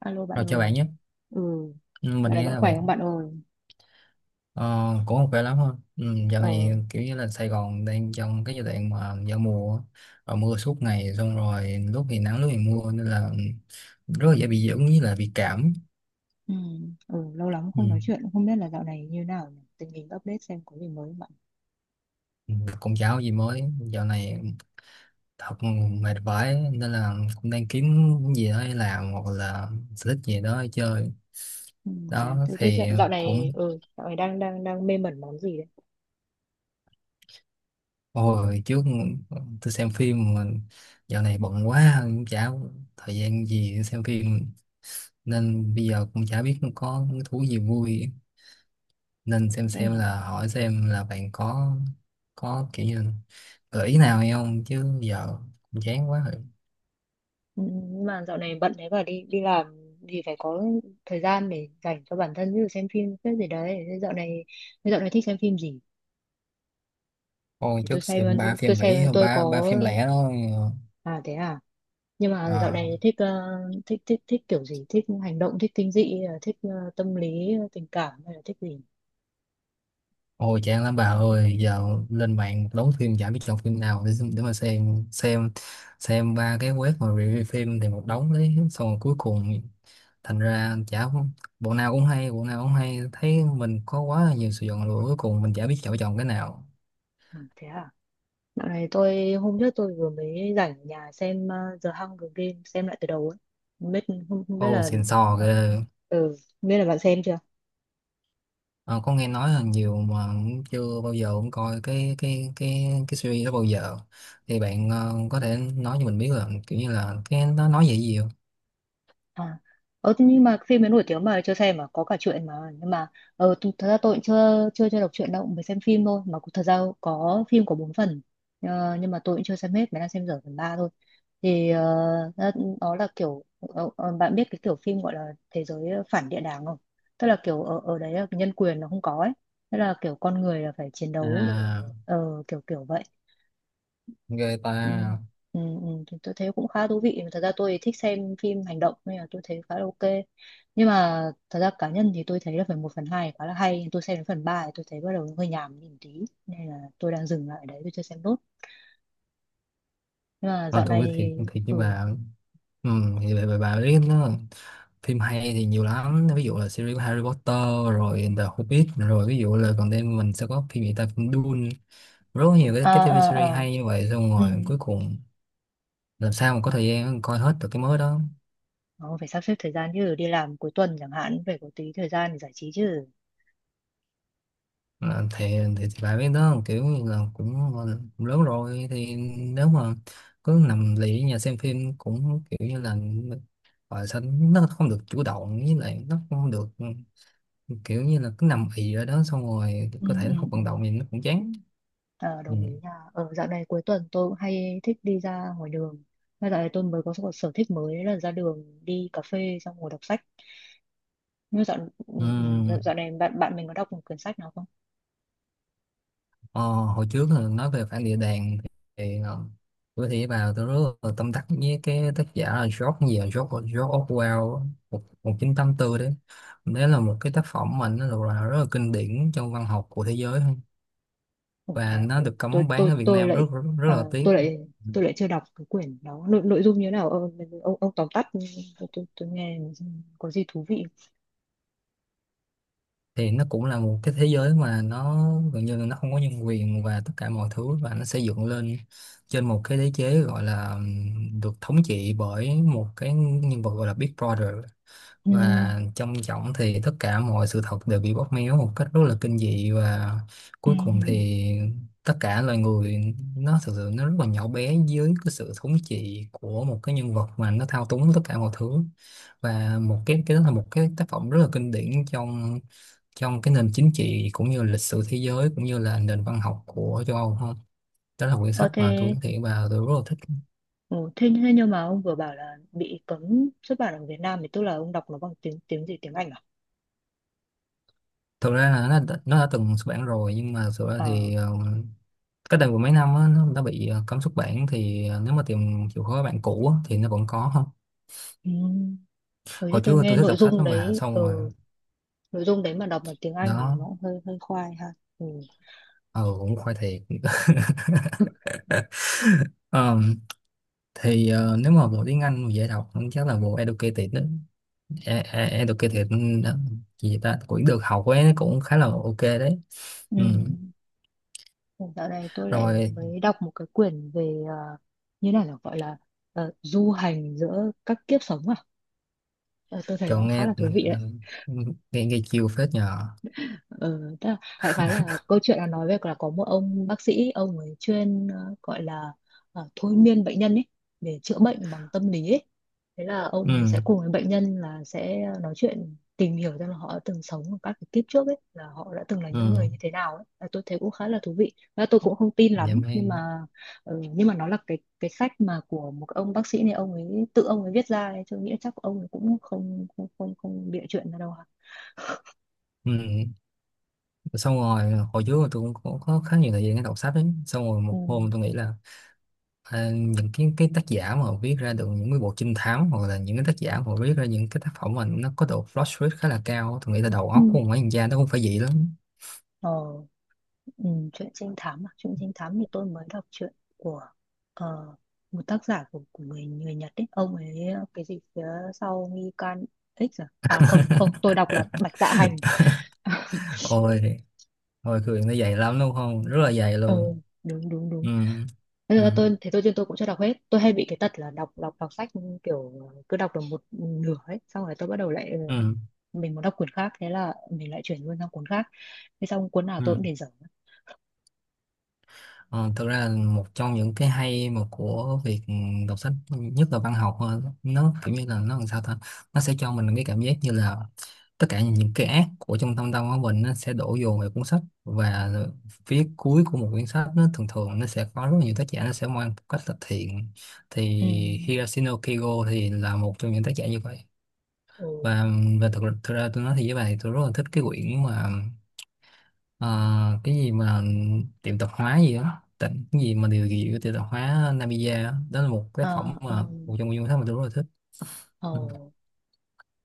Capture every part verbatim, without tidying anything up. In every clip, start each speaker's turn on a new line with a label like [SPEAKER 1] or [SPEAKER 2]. [SPEAKER 1] Alo bạn
[SPEAKER 2] Rồi chào bạn
[SPEAKER 1] ơi.
[SPEAKER 2] nhé.
[SPEAKER 1] Ừ,
[SPEAKER 2] Ừ, mình
[SPEAKER 1] dạo này
[SPEAKER 2] nghe
[SPEAKER 1] bạn
[SPEAKER 2] là
[SPEAKER 1] khỏe
[SPEAKER 2] bạn
[SPEAKER 1] không bạn ơi?
[SPEAKER 2] ờ, cũng không khỏe lắm thôi. Ừ, Dạo
[SPEAKER 1] Ờ,
[SPEAKER 2] này kiểu như là Sài Gòn đang trong cái giai đoạn mà giao mùa á, rồi mưa suốt ngày, xong rồi lúc thì nắng lúc thì mưa nên là ừ, rất là dễ bị dưỡng với là bị cảm.
[SPEAKER 1] ừ, ừ, lâu lắm
[SPEAKER 2] Ừ.
[SPEAKER 1] không nói chuyện, không biết là dạo này như nào nhỉ? Tình hình update xem có gì mới không bạn.
[SPEAKER 2] Ừ, Cũng chả có gì mới, dạo này thật mệt vãi nên là cũng đang kiếm cái gì đó để làm hoặc là sở thích gì đó để chơi.
[SPEAKER 1] Ừ, thế à?
[SPEAKER 2] Đó
[SPEAKER 1] thế, thế dạo,
[SPEAKER 2] thì
[SPEAKER 1] dạo
[SPEAKER 2] cũng
[SPEAKER 1] này ừ, dạo này đang đang đang mê mẩn món gì đấy?
[SPEAKER 2] Ôi, trước tôi xem phim mà dạo này bận quá, cũng chả có thời gian gì để xem phim, nên bây giờ cũng chả biết có cái thú gì vui, nên xem
[SPEAKER 1] Thế
[SPEAKER 2] xem
[SPEAKER 1] hả?
[SPEAKER 2] là hỏi xem là bạn có có kiểu như gợi ý nào hay không, chứ giờ cũng chán quá rồi.
[SPEAKER 1] Ừ, nhưng mà dạo này bận thế và đi đi làm thì phải có thời gian để dành cho bản thân như xem phim cái gì đấy. Thế dạo này thế dạo này thích xem phim gì?
[SPEAKER 2] Ôi
[SPEAKER 1] Để tôi
[SPEAKER 2] trước
[SPEAKER 1] xem
[SPEAKER 2] xem ba
[SPEAKER 1] tôi
[SPEAKER 2] phim Mỹ
[SPEAKER 1] xem tôi
[SPEAKER 2] ba ba
[SPEAKER 1] có.
[SPEAKER 2] phim lẻ đó.
[SPEAKER 1] À thế à? Nhưng mà dạo
[SPEAKER 2] ờ,
[SPEAKER 1] này thích ờ, thích thích thích kiểu gì, thích hành động, thích kinh dị, thích ờ, tâm lý tình cảm hay là thích gì.
[SPEAKER 2] Ôi chán lắm bà ơi, giờ lên mạng đóng phim chả biết chọn phim nào để, để mà xem xem xem ba cái web mà review phim thì một đống đấy, xong rồi cuối cùng thành ra chả, bộ nào cũng hay bộ nào cũng hay, thấy mình có quá là nhiều sự chọn lựa, cuối cùng mình chả biết chọn chọn cái nào.
[SPEAKER 1] À, thế à. Dạo này tôi hôm trước tôi vừa mới rảnh ở nhà xem ờ, The Hunger Games, xem lại từ đầu ấy. Không biết, không, không biết
[SPEAKER 2] Ô
[SPEAKER 1] là
[SPEAKER 2] xịn sò ghê.
[SPEAKER 1] ờ, ừ, không biết là bạn xem chưa.
[SPEAKER 2] Ờ, có nghe nói là nhiều mà cũng chưa bao giờ cũng coi cái cái cái cái series đó bao giờ, thì bạn ờ, có thể nói cho mình biết là kiểu như là cái nó nói về cái gì không?
[SPEAKER 1] à ờ Thế nhưng mà phim ấy nổi tiếng mà chưa xem mà có cả truyện mà. Nhưng mà ờ th- thật ra tôi cũng chưa chưa chưa đọc truyện đâu, mới xem phim thôi mà cũng- thật ra có phim có bốn phần. Ờ, nhưng mà tôi cũng chưa xem hết, mới đang xem dở phần ba thôi, thì ờ, nó, nó là kiểu ờ, ờ, bạn biết cái kiểu phim gọi là thế giới phản địa đàng không? Tức là kiểu ở ở đấy là nhân quyền nó không có ấy, tức là kiểu con người là phải chiến đấu để
[SPEAKER 2] À,
[SPEAKER 1] ờ, kiểu kiểu vậy.
[SPEAKER 2] ghê ta.
[SPEAKER 1] Ừ, ừ, ừ, thì tôi thấy cũng khá thú vị, thật ra tôi thích xem phim hành động nên là tôi thấy khá là ok. Nhưng mà thật ra cá nhân thì tôi thấy là phần một phần hai khá là hay, tôi xem đến phần ba thì tôi thấy bắt đầu hơi nhàm đi một tí nên là tôi đang dừng lại ở đấy, tôi chưa xem nốt. Nhưng mà
[SPEAKER 2] Thôi
[SPEAKER 1] dạo
[SPEAKER 2] tôi nói
[SPEAKER 1] này.
[SPEAKER 2] thiệt thiệt với
[SPEAKER 1] Ừ.
[SPEAKER 2] bà, ừ, thì bà, bà, bà biết nó, phim hay thì nhiều lắm, ví dụ là series của Harry Potter rồi The Hobbit, rồi ví dụ là còn đây mình sẽ có phim gì ta, phim Dune, rất nhiều cái,
[SPEAKER 1] À,
[SPEAKER 2] cái
[SPEAKER 1] à,
[SPEAKER 2] ti vi series
[SPEAKER 1] à.
[SPEAKER 2] hay như vậy, xong
[SPEAKER 1] Ừ.
[SPEAKER 2] rồi cuối cùng làm sao mà có thời gian coi hết được cái mới đó.
[SPEAKER 1] Ờ, phải sắp xếp thời gian chứ, đi làm cuối tuần chẳng hạn phải có tí thời gian để giải trí chứ.
[SPEAKER 2] Là thì, thì, thì bà biết đó, kiểu như là cũng cũng lớn rồi, thì nếu mà cứ nằm lì ở nhà xem phim cũng kiểu như là, và sao nó không được chủ động, với lại nó không được, kiểu như là cứ nằm ì ở đó, xong rồi
[SPEAKER 1] Ừ,
[SPEAKER 2] cơ thể
[SPEAKER 1] ừ,
[SPEAKER 2] nó không
[SPEAKER 1] ừ.
[SPEAKER 2] vận động thì nó cũng chán.
[SPEAKER 1] Ờ,
[SPEAKER 2] Ừ.
[SPEAKER 1] đồng ý nha. Ở dạo này cuối tuần tôi cũng hay thích đi ra ngoài đường, mà dạo này tôi mới có một sở thích mới là ra đường đi cà phê xong ngồi đọc sách. Nhưng mà dạo, ừ,
[SPEAKER 2] Ừ.
[SPEAKER 1] ừ, dạo, dạo này bạn bạn mình có đọc một quyển sách nào không?
[SPEAKER 2] Ờ, hồi trước là nói về phản địa đàn, thì ờ, bữa thì vào tôi rất là tâm đắc với cái tác giả là George gì à? George, George Orwell á, một một chín tám tư đấy, đấy là một cái tác phẩm mà nó được là rất là kinh điển trong văn học của thế giới,
[SPEAKER 1] Ủa, thế
[SPEAKER 2] và
[SPEAKER 1] à?
[SPEAKER 2] nó
[SPEAKER 1] Ủa,
[SPEAKER 2] được
[SPEAKER 1] tôi
[SPEAKER 2] cấm bán
[SPEAKER 1] tôi
[SPEAKER 2] ở Việt
[SPEAKER 1] tôi
[SPEAKER 2] Nam, rất
[SPEAKER 1] lại
[SPEAKER 2] rất, rất
[SPEAKER 1] à,
[SPEAKER 2] là tiếc.
[SPEAKER 1] tôi lại
[SPEAKER 2] Ừ.
[SPEAKER 1] tôi lại chưa đọc cái quyển đó. Nội, nội dung như thế nào, ông, ông, ông tóm tắt, tôi, tôi, tôi nghe có gì thú vị.
[SPEAKER 2] Thì nó cũng là một cái thế giới mà nó gần như là nó không có nhân quyền và tất cả mọi thứ, và nó xây dựng lên trên một cái đế chế gọi là ừm, được thống trị bởi một cái nhân vật gọi là Big Brother,
[SPEAKER 1] Ừ,
[SPEAKER 2] và trong trọng thì tất cả mọi sự thật đều bị bóp méo một cách rất là kinh dị, và
[SPEAKER 1] ừ,
[SPEAKER 2] cuối cùng
[SPEAKER 1] ừ.
[SPEAKER 2] thì tất cả loài người nó thực sự nó rất là nhỏ bé dưới cái sự thống trị của một cái nhân vật mà nó thao túng tất cả mọi thứ, và một cái cái đó là một cái tác phẩm rất là kinh điển trong trong cái nền chính trị cũng như lịch sử thế giới cũng như là nền văn học của châu Âu không, đó là quyển
[SPEAKER 1] Ờ
[SPEAKER 2] sách mà tôi
[SPEAKER 1] thế
[SPEAKER 2] nói thiệt và tôi rất là thích.
[SPEAKER 1] Ồ, thế, thế nhưng mà ông vừa bảo là bị cấm xuất bản ở Việt Nam thì tức là ông đọc nó bằng tiếng tiếng gì, tiếng Anh à?
[SPEAKER 2] Thực ra là nó đã- nó đã từng xuất bản rồi, nhưng mà thực ra
[SPEAKER 1] À,
[SPEAKER 2] thì ờ, cách đây mười mấy năm á nó, nó bị ờ, cấm xuất bản, thì ờ, nếu mà tìm chịu khó bạn cũ á, thì nó vẫn có không.
[SPEAKER 1] ừ. Rồi cho
[SPEAKER 2] Hồi
[SPEAKER 1] tôi
[SPEAKER 2] trước
[SPEAKER 1] nghe
[SPEAKER 2] tôi thích
[SPEAKER 1] nội
[SPEAKER 2] đọc sách
[SPEAKER 1] dung
[SPEAKER 2] lắm mà
[SPEAKER 1] đấy, ừ,
[SPEAKER 2] xong rồi
[SPEAKER 1] nội dung đấy mà đọc bằng tiếng Anh thì
[SPEAKER 2] đó.
[SPEAKER 1] nó cũng hơi hơi khoai ha. Ừ.
[SPEAKER 2] Ừ, cũng khoai thiệt. Ờ, thì ờ, nếu mà bộ tiếng Anh mà dễ đọc chắc là bộ Educated đó. E e- Educated, ừ, đó. Gì vậy ta, cũng được học ấy, cũng khá là ok đấy.
[SPEAKER 1] Ừ.
[SPEAKER 2] Ừ.
[SPEAKER 1] Dạo này tôi lại
[SPEAKER 2] Rồi
[SPEAKER 1] mới đọc một cái quyển về à, như này là gọi là ờ, du hành giữa các kiếp sống à? Ờ, tôi thấy nó cũng
[SPEAKER 2] chọn
[SPEAKER 1] khá
[SPEAKER 2] nghe,
[SPEAKER 1] là thú vị đấy.
[SPEAKER 2] ờ, nghe, nghe chiều phết nhờ.
[SPEAKER 1] Ừ, tức là đại khái là câu chuyện là nói về là có một ông bác sĩ, ông ấy chuyên ờ, gọi là ờ, thôi miên bệnh nhân ấy để chữa bệnh bằng tâm lý ấy. Thế là ông
[SPEAKER 2] Ừ.
[SPEAKER 1] ấy sẽ cùng với bệnh nhân là sẽ nói chuyện tìm hiểu xem là họ đã từng sống ở các cái kiếp trước ấy, là họ đã từng là những người
[SPEAKER 2] Ừ.
[SPEAKER 1] như thế nào ấy. Và tôi thấy cũng khá là thú vị, và tôi cũng không tin
[SPEAKER 2] Dạ
[SPEAKER 1] lắm
[SPEAKER 2] mê.
[SPEAKER 1] nhưng mà ừ, nhưng mà nó là cái cái sách mà của một cái ông bác sĩ này, ông ấy tự ông ấy viết ra ấy. Tôi nghĩ chắc ông ấy cũng không không không không bịa chuyện ra đâu hả.
[SPEAKER 2] Ừ. Xong rồi hồi trước tôi cũng có, có khá nhiều thời gian để đọc sách ấy, xong rồi
[SPEAKER 1] Ừ.
[SPEAKER 2] một hôm tôi nghĩ là à, những cái cái tác giả mà họ viết ra được những cái bộ trinh thám, hoặc là những cái tác giả mà họ viết ra những cái tác phẩm mà nó có độ plot twist khá là cao, tôi nghĩ là đầu
[SPEAKER 1] Ừ.
[SPEAKER 2] óc của một mấy thằng cha nó cũng phải vậy lắm.
[SPEAKER 1] Ờ. Ừ, chuyện trinh thám à? Chuyện trinh thám thì tôi mới đọc chuyện của ờ, một tác giả của, của người người Nhật ấy, ông ấy cái gì phía sau nghi can X. À à, không không, tôi đọc là Bạch Dạ Hành.
[SPEAKER 2] Ôi, ôi cười, nó dày lắm đúng không, rất là dày
[SPEAKER 1] Ờ,
[SPEAKER 2] luôn.
[SPEAKER 1] đúng đúng đúng.
[SPEAKER 2] Ừ.
[SPEAKER 1] Thế
[SPEAKER 2] Ừ.
[SPEAKER 1] là tôi thế tôi trên tôi cũng chưa đọc hết. Tôi hay bị cái tật là đọc đọc đọc sách, kiểu cứ đọc được một nửa ấy xong rồi tôi bắt đầu lại, ờ,
[SPEAKER 2] Ừ.
[SPEAKER 1] mình muốn đọc cuốn khác, thế là mình lại chuyển luôn sang cuốn khác, thế xong cuốn nào tôi
[SPEAKER 2] Ừ.
[SPEAKER 1] cũng để dở.
[SPEAKER 2] Ờ, thực ra là một trong những cái hay mà của việc đọc sách, nhất là văn học, ờ, nó kiểu như là nó làm sao ta, nó sẽ cho mình cái cảm giác như là tất cả những cái ác của trong thâm tâm của mình nó sẽ đổ dồn về cuốn sách, và phía cuối của một cuốn sách nó thường thường nó sẽ có rất là nhiều tác giả nó sẽ mang một cách là thiện, thì
[SPEAKER 1] Ừ.
[SPEAKER 2] Hiroshino Kigo thì là một trong những tác giả như vậy.
[SPEAKER 1] Ừ.
[SPEAKER 2] và và thực thực ra tôi nói thì với bà thì tôi rất là thích cái quyển mà Ờ, cái gì mà tiệm tạp hóa gì đó tỉnh cái gì mà điều gì của tiệm tạp hóa Namiya á, đó là một tác phẩm
[SPEAKER 1] Ờ, ờ,
[SPEAKER 2] mà một trong những thứ mà tôi rất là thích.
[SPEAKER 1] ờ.
[SPEAKER 2] Ừ.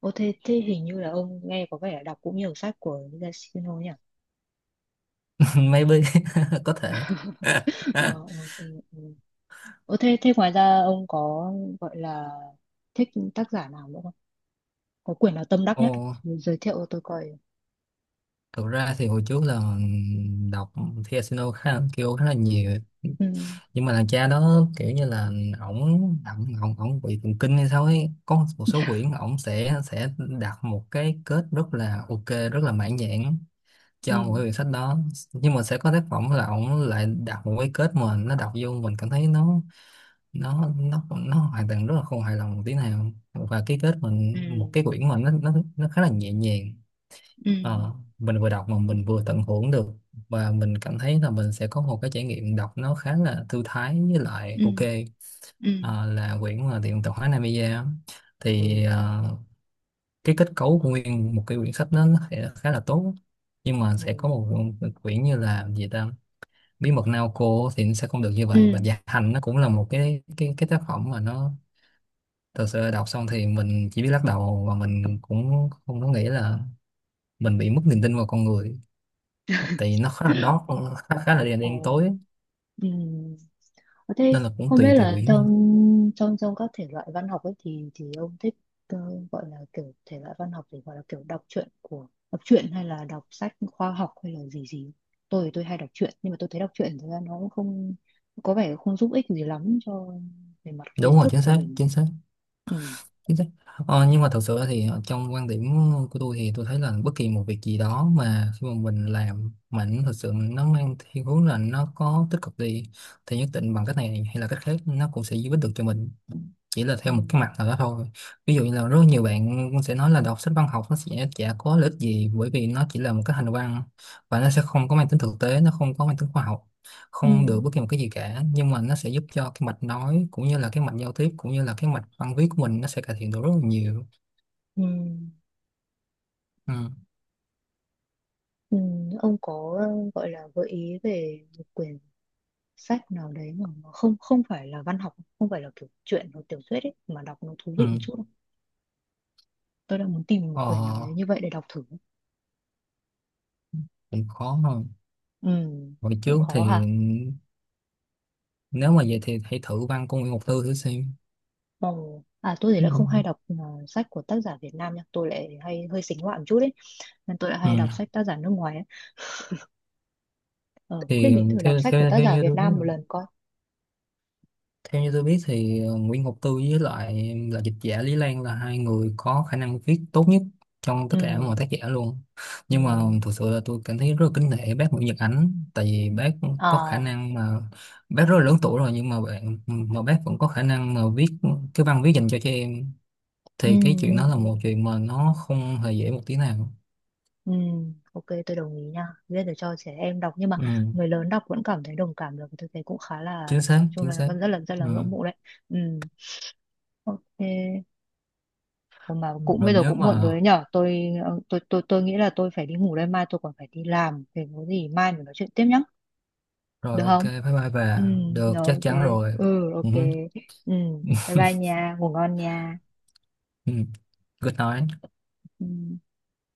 [SPEAKER 1] Ô thế, thế hình như là ông nghe có vẻ là đọc cũng nhiều sách của Yasuhiro nhỉ?
[SPEAKER 2] Maybe. Có thể.
[SPEAKER 1] Ờ, ừ, ừ, ừ. Ờ, thế, thế ngoài ra ông có gọi là thích tác giả nào nữa không? Có quyển nào tâm đắc nhất
[SPEAKER 2] Ồ,
[SPEAKER 1] không? Giới thiệu tôi coi.
[SPEAKER 2] thực ra thì hồi trước là đọc thì Asino khá là, kêu khá là nhiều,
[SPEAKER 1] Ừ,
[SPEAKER 2] nhưng mà thằng cha đó kiểu như là ổng ổng ổng ổng bị thần kinh hay sao ấy, có một số quyển ổng sẽ sẽ đặt một cái kết rất là ok, rất là mãn nhãn
[SPEAKER 1] ừ,
[SPEAKER 2] cho một cái quyển sách đó, nhưng mà sẽ có tác phẩm là ổng lại đặt một cái kết mà nó đọc vô mình cảm thấy nó nó nó nó hoàn toàn rất là không hài lòng một tí nào, và cái kết
[SPEAKER 1] ừ,
[SPEAKER 2] mình một cái quyển mà nó nó nó khá là nhẹ nhàng.
[SPEAKER 1] ừ,
[SPEAKER 2] Ờ, mình vừa đọc mà mình vừa tận hưởng được, và mình cảm thấy là mình sẽ có một cái trải nghiệm đọc nó khá là thư thái với lại
[SPEAKER 1] ừ,
[SPEAKER 2] ok.
[SPEAKER 1] ừ,
[SPEAKER 2] Ờ, là quyển mà tiệm tạp hóa Namiya
[SPEAKER 1] ừ,
[SPEAKER 2] thì ờ, cái kết cấu của nguyên một cái quyển sách đó nó sẽ khá là tốt, nhưng mà
[SPEAKER 1] ừ,
[SPEAKER 2] sẽ có một quyển như là gì ta, bí mật Naoko, thì nó sẽ không được như vậy. Và
[SPEAKER 1] ừ,
[SPEAKER 2] Dạ Hành nó cũng là một cái cái cái tác phẩm mà nó thật sự đọc xong thì mình chỉ biết lắc đầu, và mình cũng không có nghĩ là mình bị mất niềm tin vào con người, tại vì nó khá là dark, khá, khá là đen đen tối,
[SPEAKER 1] ừ, ừ. Ờ, thế
[SPEAKER 2] nên là cũng
[SPEAKER 1] không biết
[SPEAKER 2] tùy tùy
[SPEAKER 1] là
[SPEAKER 2] quyển thôi.
[SPEAKER 1] trong trong trong các thể loại văn học ấy thì thì ông thích ờ, gọi là kiểu thể loại văn học, thì gọi là kiểu đọc truyện của đọc truyện hay là đọc sách khoa học hay là gì gì. Tôi thì tôi hay đọc truyện, nhưng mà tôi thấy đọc truyện thực ra nó cũng không có vẻ không giúp ích gì lắm cho, về mặt
[SPEAKER 2] Đúng
[SPEAKER 1] kiến
[SPEAKER 2] rồi,
[SPEAKER 1] thức
[SPEAKER 2] chính
[SPEAKER 1] của
[SPEAKER 2] xác
[SPEAKER 1] mình.
[SPEAKER 2] chính xác.
[SPEAKER 1] Ừ.
[SPEAKER 2] Chính xác. Ờ, nhưng mà thật sự thì trong quan điểm của tôi thì tôi thấy là bất kỳ một việc gì đó mà khi mà mình làm mà nó thật sự nó mang thiên hướng là nó có tích cực đi, thì nhất định bằng cách này hay là cách khác nó cũng sẽ giúp ích được cho mình, chỉ là
[SPEAKER 1] Ừ.
[SPEAKER 2] theo một cái mặt nào đó thôi. Ví dụ như là rất nhiều bạn cũng sẽ nói là đọc sách văn học nó sẽ chả có lợi ích gì, bởi vì nó chỉ là một cái hành văn và nó sẽ không có mang tính thực tế, nó không có mang tính khoa học,
[SPEAKER 1] Ừ.
[SPEAKER 2] không được bất kỳ một cái gì cả, nhưng mà nó sẽ giúp cho cái mạch nói cũng như là cái mạch giao tiếp cũng như là cái mạch văn viết của mình nó sẽ cải thiện được rất là nhiều.
[SPEAKER 1] Ừ.
[SPEAKER 2] Ừ.
[SPEAKER 1] Ừ. Ông có ờ, gọi là gợi ý về một quyển sách nào đấy mà nó không không phải là văn học, không phải là kiểu truyện hoặc tiểu thuyết ấy, mà đọc nó thú
[SPEAKER 2] Ừ.
[SPEAKER 1] vị một chút. Tôi đang muốn tìm một quyển nào
[SPEAKER 2] Ờ,
[SPEAKER 1] đấy như vậy để đọc thử.
[SPEAKER 2] cũng khó hơn
[SPEAKER 1] Ừ,
[SPEAKER 2] hồi
[SPEAKER 1] cũng
[SPEAKER 2] trước,
[SPEAKER 1] khó
[SPEAKER 2] thì
[SPEAKER 1] hả.
[SPEAKER 2] nếu mà vậy thì hãy thử văn của Nguyễn Ngọc Tư thử xem.
[SPEAKER 1] Ồ, à, tôi thì
[SPEAKER 2] Ừ.
[SPEAKER 1] lại không hay đọc ờ, sách của tác giả Việt Nam nha, tôi lại hay hơi xính ngoại một chút ấy, nên tôi lại
[SPEAKER 2] Ừ.
[SPEAKER 1] hay đọc sách tác giả nước ngoài ấy. ờ, có khuyên
[SPEAKER 2] Thì
[SPEAKER 1] mình thử đọc
[SPEAKER 2] theo
[SPEAKER 1] sách của
[SPEAKER 2] theo
[SPEAKER 1] tác
[SPEAKER 2] theo
[SPEAKER 1] giả
[SPEAKER 2] như
[SPEAKER 1] Việt
[SPEAKER 2] tôi biết,
[SPEAKER 1] Nam một lần coi.
[SPEAKER 2] theo như tôi biết thì ờ, Nguyễn Ngọc Tư với lại là dịch giả Lý Lan là hai người có khả năng viết tốt nhất trong tất
[SPEAKER 1] Ừ,
[SPEAKER 2] cả mọi tác giả luôn.
[SPEAKER 1] ừ,
[SPEAKER 2] Nhưng mà thực sự là tôi cảm thấy rất là kính nể bác Nguyễn Nhật Ánh, tại vì bác có khả
[SPEAKER 1] à,
[SPEAKER 2] năng mà bác rất là lớn tuổi rồi, nhưng mà bạn mà bác vẫn có khả năng mà viết cái văn viết dành cho trẻ em,
[SPEAKER 1] ừ,
[SPEAKER 2] thì cái
[SPEAKER 1] ừ,
[SPEAKER 2] chuyện đó là
[SPEAKER 1] ừ.
[SPEAKER 2] một chuyện mà nó không hề dễ một tí nào.
[SPEAKER 1] Ừ, ok tôi đồng ý nha, viết để cho trẻ em đọc nhưng mà
[SPEAKER 2] Ừ,
[SPEAKER 1] người lớn đọc vẫn cảm thấy đồng cảm được, tôi thấy cũng khá là,
[SPEAKER 2] chính
[SPEAKER 1] nói
[SPEAKER 2] xác,
[SPEAKER 1] chung
[SPEAKER 2] chính
[SPEAKER 1] là
[SPEAKER 2] xác.
[SPEAKER 1] rất là rất
[SPEAKER 2] Ừ.
[SPEAKER 1] là ngưỡng mộ đấy. Ừ, ok. Ủa mà
[SPEAKER 2] Ừ.
[SPEAKER 1] cũng
[SPEAKER 2] Rồi
[SPEAKER 1] bây giờ
[SPEAKER 2] nếu
[SPEAKER 1] cũng muộn rồi
[SPEAKER 2] mà
[SPEAKER 1] đấy nhở, tôi ờ, tôi tôi tôi nghĩ là tôi phải đi ngủ đây, mai tôi còn phải đi làm, thì có gì mai mình nói chuyện tiếp nhá. Được
[SPEAKER 2] rồi ok
[SPEAKER 1] không?
[SPEAKER 2] bye bye
[SPEAKER 1] Ừ,
[SPEAKER 2] bà được,
[SPEAKER 1] rồi,
[SPEAKER 2] chắc
[SPEAKER 1] ok.
[SPEAKER 2] chắn rồi.
[SPEAKER 1] Ừ,
[SPEAKER 2] Ừ.
[SPEAKER 1] ok. Ừ, bye bye nha, ngủ ngon nha.
[SPEAKER 2] Ừ. Good nói.
[SPEAKER 1] Ừ.